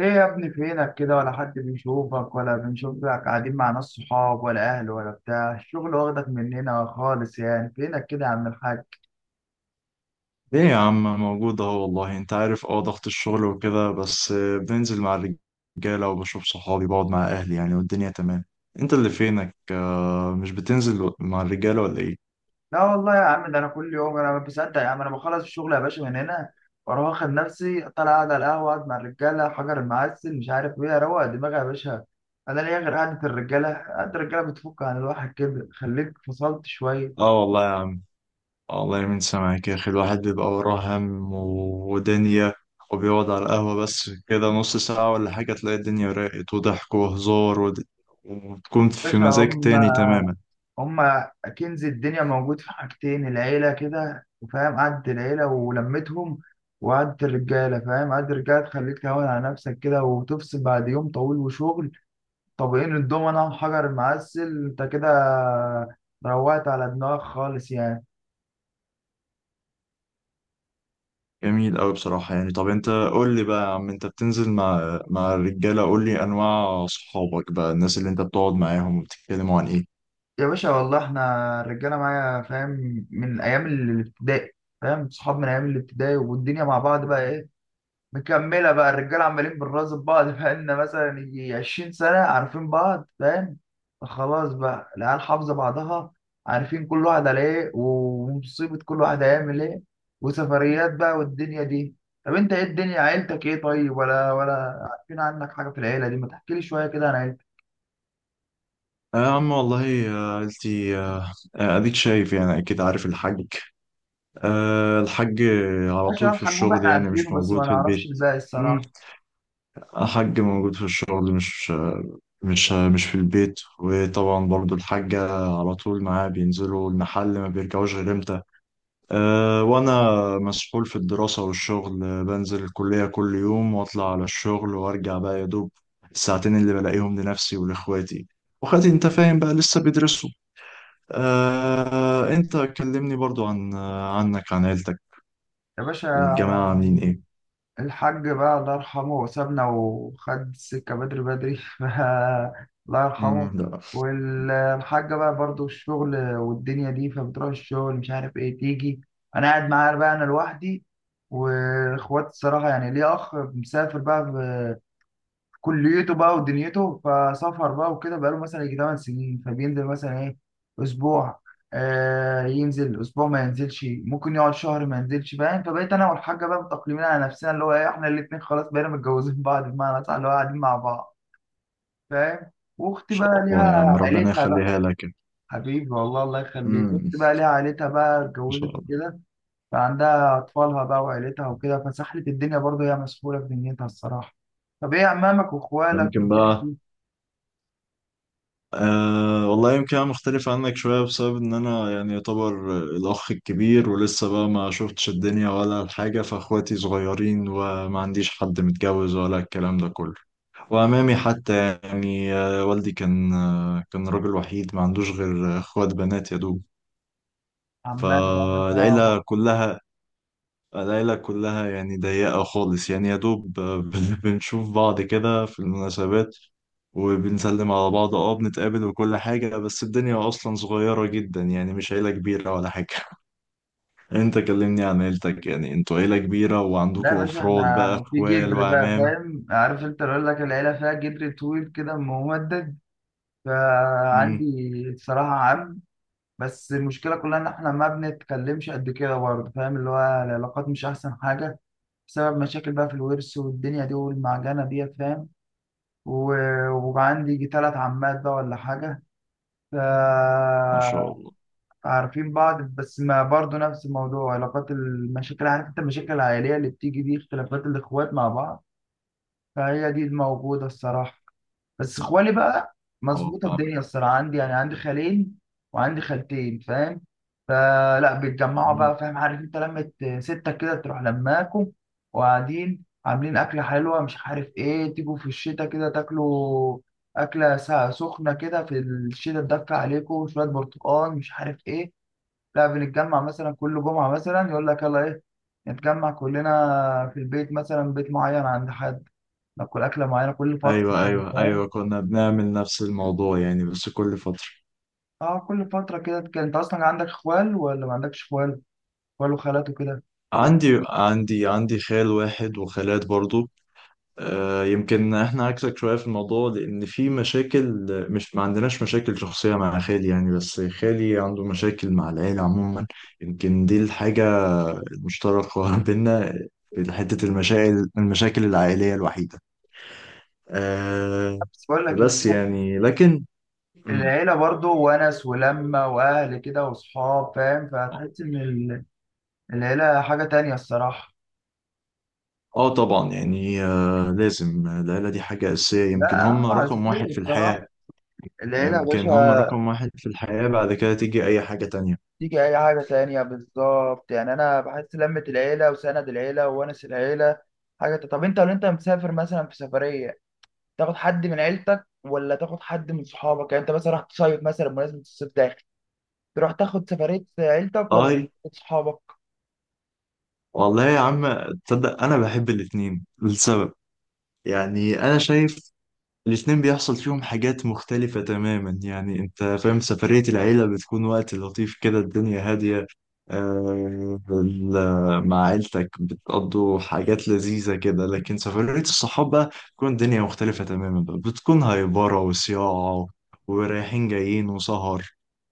ايه يا ابني فينك كده؟ ولا حد بيشوفك ولا بنشوفك، قاعدين مع ناس، صحاب ولا اهل ولا بتاع الشغل، واخدك مننا خالص يعني. فينك كده يا عم الحاج؟ ليه يا عم؟ موجود اهو. والله انت عارف، ضغط الشغل وكده. بس بنزل مع الرجالة وبشوف صحابي، بقعد مع اهلي يعني، والدنيا تمام. انت اللي فينك؟ مش بتنزل مع الرجالة ولا ايه؟ لا والله يا عم، ده انا كل يوم انا ما بصدق يا عم، انا بخلص الشغل يا باشا من هنا واروح واخد نفسي طالع، قاعد على القهوه، اقعد مع الرجاله، حجر المعسل، مش عارف ايه، اروق دماغي يا باشا. انا ليا غير قعده الرجاله، قعده الرجاله بتفك عن الواحد كده، خليك فصلت شويه. اه والله يا عم. آه والله، من سامعك يا اخي الواحد بيبقى وراه هم ودنيا، وبيقعد على القهوة بس كده نص ساعة ولا حاجة، تلاقي الدنيا راقت وضحك وهزار وبتكون في باشا، مزاج هم تاني تماما. هما كنز الدنيا، موجود في حاجتين: العيلة كده، وفاهم قعدة العيلة ولمتهم، وقعدة الرجالة، فاهم قعدة الرجالة تخليك تهون على نفسك كده، وتفصل بعد يوم طويل وشغل، طابقين الدومنة وحجر المعسل، انت كده روقت على دماغك خالص يعني. جميل أوي بصراحة يعني. طب أنت قول لي بقى يا عم، أنت بتنزل مع الرجالة، قول لي أنواع صحابك بقى، الناس اللي أنت بتقعد معاهم وبتتكلموا عن إيه؟ يا باشا والله احنا الرجالة معايا فاهم، من أيام الابتدائي. فاهم؟ صحاب من أيام الابتدائي، والدنيا مع بعض بقى ايه، مكملة بقى. الرجالة عمالين بنراقب بعض، بقالنا مثلا يجي 20 سنة عارفين بعض، فاهم. خلاص بقى العيال حافظة بعضها، عارفين كل واحد على ايه، ومصيبة كل واحد هيعمل ايه، وسفريات بقى والدنيا دي. طب انت ايه الدنيا؟ عيلتك ايه طيب؟ ولا عارفين عنك حاجة في العيلة دي، ما تحكي لي شوية كده عن عيلتك. آه يا عم والله. عيلتي، أديك شايف يعني، أكيد عارف الحاج. الحاج على ماشي يا طول في الحجوج، الشغل، احنا يعني عارفينه مش بس ما موجود في نعرفش البيت. الباقي مم. الصراحة. الحاج موجود في الشغل، مش في البيت. وطبعا برضو الحاجة على طول معاه، بينزلوا المحل ما بيرجعوش غير إمتى. أه، وأنا مسحول في الدراسة والشغل. بنزل الكلية كل يوم وأطلع على الشغل وأرجع بقى يا دوب الساعتين اللي بلاقيهم لنفسي ولإخواتي. وإخواتي أنت فاهم بقى لسه بيدرسوا. أه، أنت كلمني برضو عن عنك، عن عيلتك، يا باشا، الجماعة عاملين إيه؟ يعني الحاج بقى الله يرحمه وسابنا وخد السكة بدري بدري بقى الله يرحمه. مم، لا إن والحاجة بقى برضو الشغل والدنيا دي، فبتروح الشغل مش عارف ايه تيجي، انا قاعد، معايا بقى انا لوحدي. واخواتي الصراحة يعني ليه اخ مسافر بقى كليته بقى ودنيته، فسافر بقى وكده، بقاله مثلا يجي 8 سنين، فبينزل مثلا ايه، اسبوع. آه، ينزل اسبوع، ما ينزلش، ممكن يقعد شهر ما ينزلش، فاهم. فبقيت انا والحاجه بقى متأقلمين على نفسنا، اللي هو ايه، احنا الاثنين خلاص بقينا متجوزين بعض، بمعنى صح، اللي هو قاعدين مع بعض، فاهم. واختي بقى شاء الله ليها يا عم، ربنا عيلتها بقى. يخليها لك. حبيبي والله الله يخليك، مم. اختي بقى ليها عيلتها بقى، إن شاء اتجوزت الله. وكده، فعندها اطفالها بقى وعيلتها وكده، فسحلت الدنيا برضه، هي مسحوله في دنيتها الصراحه. طب ايه عمامك واخوالك ممكن بقى. والدنيا، أه والله، يمكن أنا مختلف عنك شوية، بسبب إن أنا يعني يعتبر الأخ الكبير، ولسه بقى ما شفتش الدنيا ولا الحاجة، فأخواتي صغيرين وما عنديش حد متجوز ولا الكلام ده كله. وأمامي حتى يعني، والدي كان كان راجل وحيد ما عندوش غير أخوات بنات يا دوب. عمال بقى انت فالعيلة عبط؟ كلها العيلة كلها يعني ضيقة خالص، يعني يا دوب بنشوف بعض كده في المناسبات وبنسلم على بعض. اه، بنتقابل وكل حاجة، بس الدنيا أصلا صغيرة جدا، يعني مش عيلة كبيرة ولا حاجة. أنت كلمني عن عيلتك، يعني أنتوا عيلة كبيرة لا يا وعندكوا باشا، أفراد بقى، احنا في أخوال جدر بقى، وعمام؟ فاهم عارف انت، اللي اقول لك العيله فيها جدر طويل كده ممدد، فعندي مم. الصراحه عم، بس المشكله كلها ان احنا ما بنتكلمش قد كده برضه، فاهم، اللي هو العلاقات مش احسن حاجه، بسبب مشاكل بقى في الورث والدنيا دي والمعجنه دي، فاهم. وعندي ثلاث عمات بقى ولا حاجه، ف ما شاء الله. عارفين بعض، بس ما برضه نفس الموضوع، علاقات المشاكل، عارف انت المشاكل العائلية اللي بتيجي دي، اختلافات الاخوات مع بعض، فهي دي الموجودة الصراحة. بس اخوالي بقى أه، مظبوطة فاهم. الدنيا الصراحة، عندي يعني عندي خالين وعندي خالتين، فاهم. فلا بيتجمعوا مم. بقى، فاهم، عارف انت لمة ستة كده، تروح لماكم وقاعدين عاملين أكلة حلوة مش عارف ايه، تيجوا في الشتاء كده تاكلوا أكلة سخنة كده في الشتاء تدفى عليكم، شوية برتقال مش عارف ايه. لا، بنتجمع مثلا كل جمعة، مثلا يقول لك يلا ايه نتجمع كلنا في البيت، مثلا بيت معين عند حد ناكل أكلة معينة كل فترة، أيوة، أيوة، فاهم. أيوة، كنا بنعمل نفس الموضوع يعني، بس كل فترة. اه، كل فترة كده كان. انت اصلا عندك اخوال ولا ما عندكش اخوال؟ اخوال وخالات وكده. عندي خال واحد وخالات برضو. يمكن احنا عكسك شوية في الموضوع، لأن في مشاكل، مش ما عندناش مشاكل شخصية مع خالي يعني، بس خالي عنده مشاكل مع العيلة عموما. يمكن دي الحاجة المشتركة بينا، في حتة المشاكل العائلية الوحيدة. أه، بس بقول لك ايه، بس يعني لكن. مم. العيلة برضو ونس ولمة واهل كده وصحاب، فاهم، فهتحس ان العيلة حاجة تانية الصراحة. اه، طبعا يعني. لازم العيلة دي حاجة أساسية، يمكن لا، هم اه رقم اساسية واحد في الحياة. الصراحة العيلة يا يمكن هم باشا، رقم واحد في الحياة، بعد كده تيجي أي حاجة تانية. تيجي اي حاجه تانية، بالظبط يعني. انا بحس لمة العيله وسند العيله وونس العيله حاجه طب انت لو انت مسافر مثلا في سفريه، تاخد حد من عيلتك ولا تاخد حد من صحابك؟ يعني انت مثلا رحت تصيف، مثلا بمناسبه الصيف داخل، تروح تاخد سفريه عيلتك ولا اه صحابك؟ والله يا عم، تصدق انا بحب الاتنين لسبب، يعني انا شايف الاتنين بيحصل فيهم حاجات مختلفة تماما، يعني انت فاهم، سفرية العيلة بتكون وقت لطيف كده، الدنيا هادية. مع عيلتك بتقضوا حاجات لذيذة كده، لكن سفرية الصحاب بقى بتكون الدنيا مختلفة تماما بقى، بتكون هايبرة وصياعة ورايحين جايين وسهر،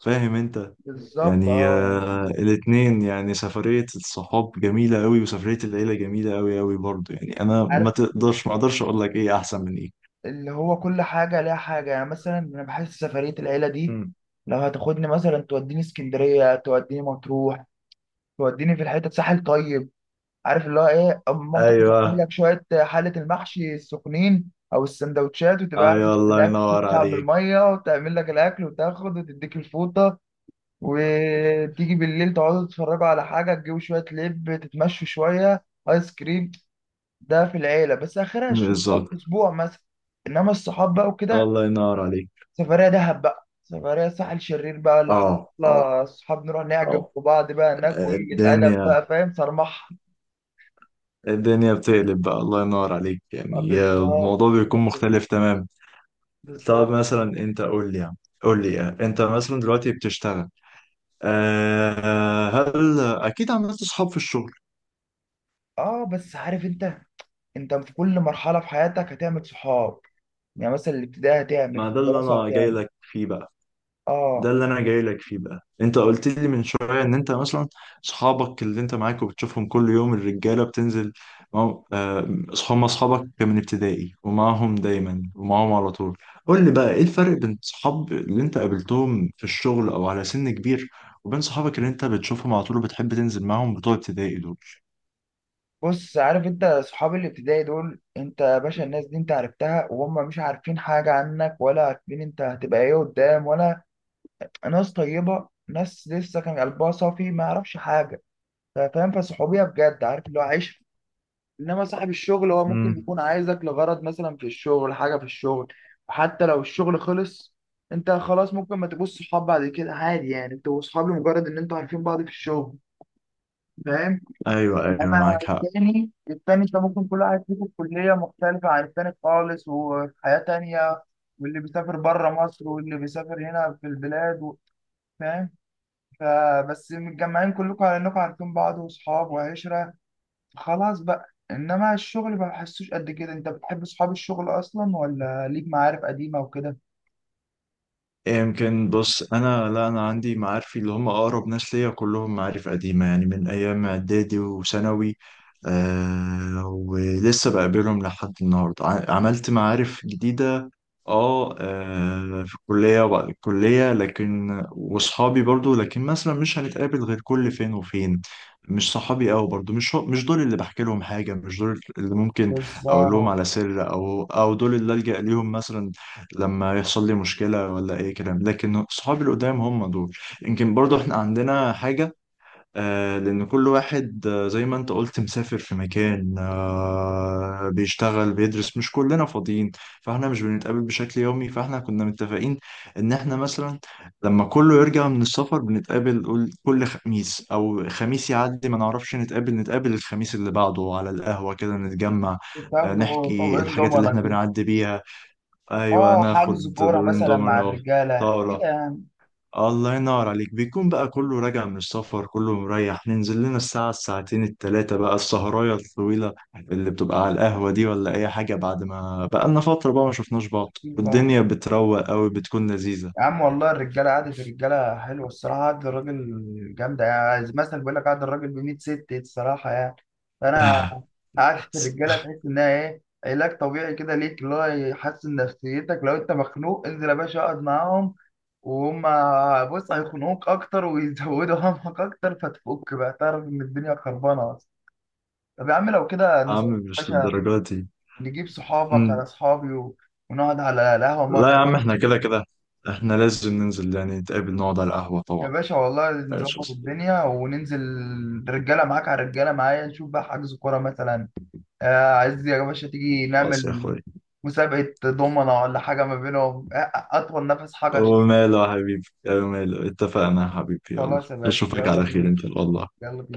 فاهم انت، بالظبط يعني اه، الاتنين يعني، سفرية الصحاب جميلة قوي، وسفرية العيلة جميلة قوي قوي برضه يعني، أنا يعني عارف ما أقدرش أقول لك إيه أحسن من إيه. اللي هو كل حاجه ليها حاجه، يعني مثلا انا بحس سفريه العيله دي، مم. لو هتاخدني مثلا توديني اسكندريه، توديني مطروح، توديني في الحته ساحل طيب، عارف اللي هو ايه، مامتك تعمل أيوه، لك شويه حله المحشي السخنين او السندوتشات، وتبقى قاعد أيوه، الله مستناك ينور تطلع من عليك. الميه، وتعمل لك الاكل، وتاخد وتديك الفوطه، وتيجي بالليل تقعدوا تتفرجوا على حاجه، تجيبوا شويه لب، تتمشوا شويه، ايس كريم. ده في العيله، بس اخرها الشغلان بالظبط. في اسبوع مثلا. انما الصحاب بقى وكده، الله ينور عليك. سفريه دهب بقى، سفريه ساحل شرير بقى ولا حاجه، أه، أه، يلا الصحاب نروح نعجب أه. في بعض بقى هناك، وقله ادب الدنيا بقى، فاهم، صرمحه. الدنيا بتقلب بقى، الله ينور عليك، يعني بالظبط الموضوع بيكون مختلف تمام. طب بالظبط مثلا أنت قول لي أنت مثلا دلوقتي بتشتغل. أه آه، هل أكيد عملت صحاب في الشغل؟ اه. بس عارف انت، انت في كل مرحله في حياتك هتعمل صحاب، يعني مثلا الابتدائي هتعمل، ما في ده اللي الدراسه انا جاي هتعمل، لك فيه بقى. ده اه. اللي انا جاي لك فيه بقى، انت قلت لي من شويه ان انت مثلا اصحابك اللي انت معاك وبتشوفهم كل يوم، الرجاله بتنزل معاهم، هم اصحابك من ابتدائي، ومعاهم دايما ومعاهم على طول. قول لي بقى ايه الفرق بين صحاب اللي انت قابلتهم في الشغل او على سن كبير، وبين صحابك اللي انت بتشوفهم على طول وبتحب تنزل معاهم بتوع ابتدائي دول؟ بص عارف انت، صحاب الابتدائي دول، انت يا باشا الناس دي انت عرفتها وهم مش عارفين حاجه عنك، ولا عارفين انت هتبقى ايه قدام ولا، ناس طيبه، ناس لسه كان قلبها صافي ما يعرفش حاجه، فاهم، فالصحوبيه بجد، عارف اللي هو عيش. انما صاحب الشغل هو ممكن امم يكون عايزك لغرض، مثلا في الشغل، حاجه في الشغل، وحتى لو الشغل خلص، انت خلاص ممكن ما تبقوش صحاب بعد كده عادي، يعني انتوا صحاب لمجرد ان انتوا عارفين بعض في الشغل، فاهم. ايوه، ايوه، انما معاك حق. التاني، انت ممكن كل واحد فيكم في كليه مختلفه عن التاني خالص، وفي حياه تانيه، واللي بيسافر بره مصر، واللي بيسافر هنا في البلاد فاهم، فبس متجمعين كلكم على انكم عارفين بعض واصحاب وعشره، خلاص بقى. انما الشغل ما بحسوش قد كده، انت بتحب اصحاب الشغل اصلا ولا ليك معارف قديمه وكده؟ إيه، يمكن بص، انا لا انا عندي معارفي اللي هم اقرب ناس ليا كلهم معارف قديمه، يعني من ايام اعدادي وثانوي. آه، ولسه بقابلهم لحد النهارده. عملت معارف جديده في الكليه وبعد الكليه، لكن واصحابي برضو، لكن مثلا مش هنتقابل غير كل فين وفين. مش صحابي قوي برضو، مش دول اللي بحكي لهم حاجه، مش دول اللي ممكن اقول لهم بالظبط، على سر، او دول اللي الجا ليهم مثلا لما يحصل لي مشكلة ولا أي كلام. لكن صحابي القدام هم دول. يمكن برضو احنا عندنا حاجة لأن كل واحد زي ما أنت قلت مسافر في مكان، بيشتغل بيدرس، مش كلنا فاضيين، فاحنا مش بنتقابل بشكل يومي. فاحنا كنا متفقين إن احنا مثلا لما كله يرجع من السفر بنتقابل، كل خميس أو خميس يعدي ما نعرفش، نتقابل الخميس اللي بعده على القهوة كده نتجمع. آه، بتاخده نحكي طبعا الحاجات اللي ضمنة احنا كده، بنعدي بيها. ايوه، اه، ناخد حجز كوره دورين مثلا مع دومينو الرجاله كده، طاوله. يعني الله ينور عليك، بيكون بقى كله راجع من السفر كله مريح، ننزل لنا الساعه الساعتين التلاتة بقى، السهرايه الطويله اللي بتبقى على القهوه دي ولا اي حاجه، بعد ما بقى لنا فتره بقى ما شفناش بعض، أكيد بقى. والدنيا بتروق قوي، بتكون لذيذه. يا عم والله الرجاله، قعده الرجاله حلوه الصراحه، قعده الراجل جامده، يعني مثلا بيقول لك قعده الراجل ب 100 ست الصراحه، يعني فانا عارف الرجاله، تحس انها ايه، علاج طبيعي كده ليك، اللي هو يحسن نفسيتك، لو انت مخنوق انزل يا باشا اقعد معاهم، وهم بص هيخنقوك اكتر ويزودوا همك اكتر، فتفك بقى، تعرف ان الدنيا خربانه اصلا. طب يا عم لو كده عم، نظبط يا مش باشا، للدرجه دي. نجيب صحابك على مم. اصحابي ونقعد على القهوه لا مره. يا عم، احنا كده كده احنا لازم ننزل يعني، نتقابل نقعد على القهوة يا طبعا. باشا والله ماشي يا نظبط صديقي. الدنيا وننزل، رجاله معاك على رجاله معايا، نشوف بقى حجز كوره مثلا، عايز يا باشا تيجي خلاص يا نعمل اخوي. مسابقة دومنا ولا حاجة ما بينهم، أطول نفس حجر شيل. وماله يا حبيبي. وماله، اتفقنا يا حبيبي، يلا. خلاص يا باشا اشوفك يلا على خير بينا. ان شاء الله. يلا بينا.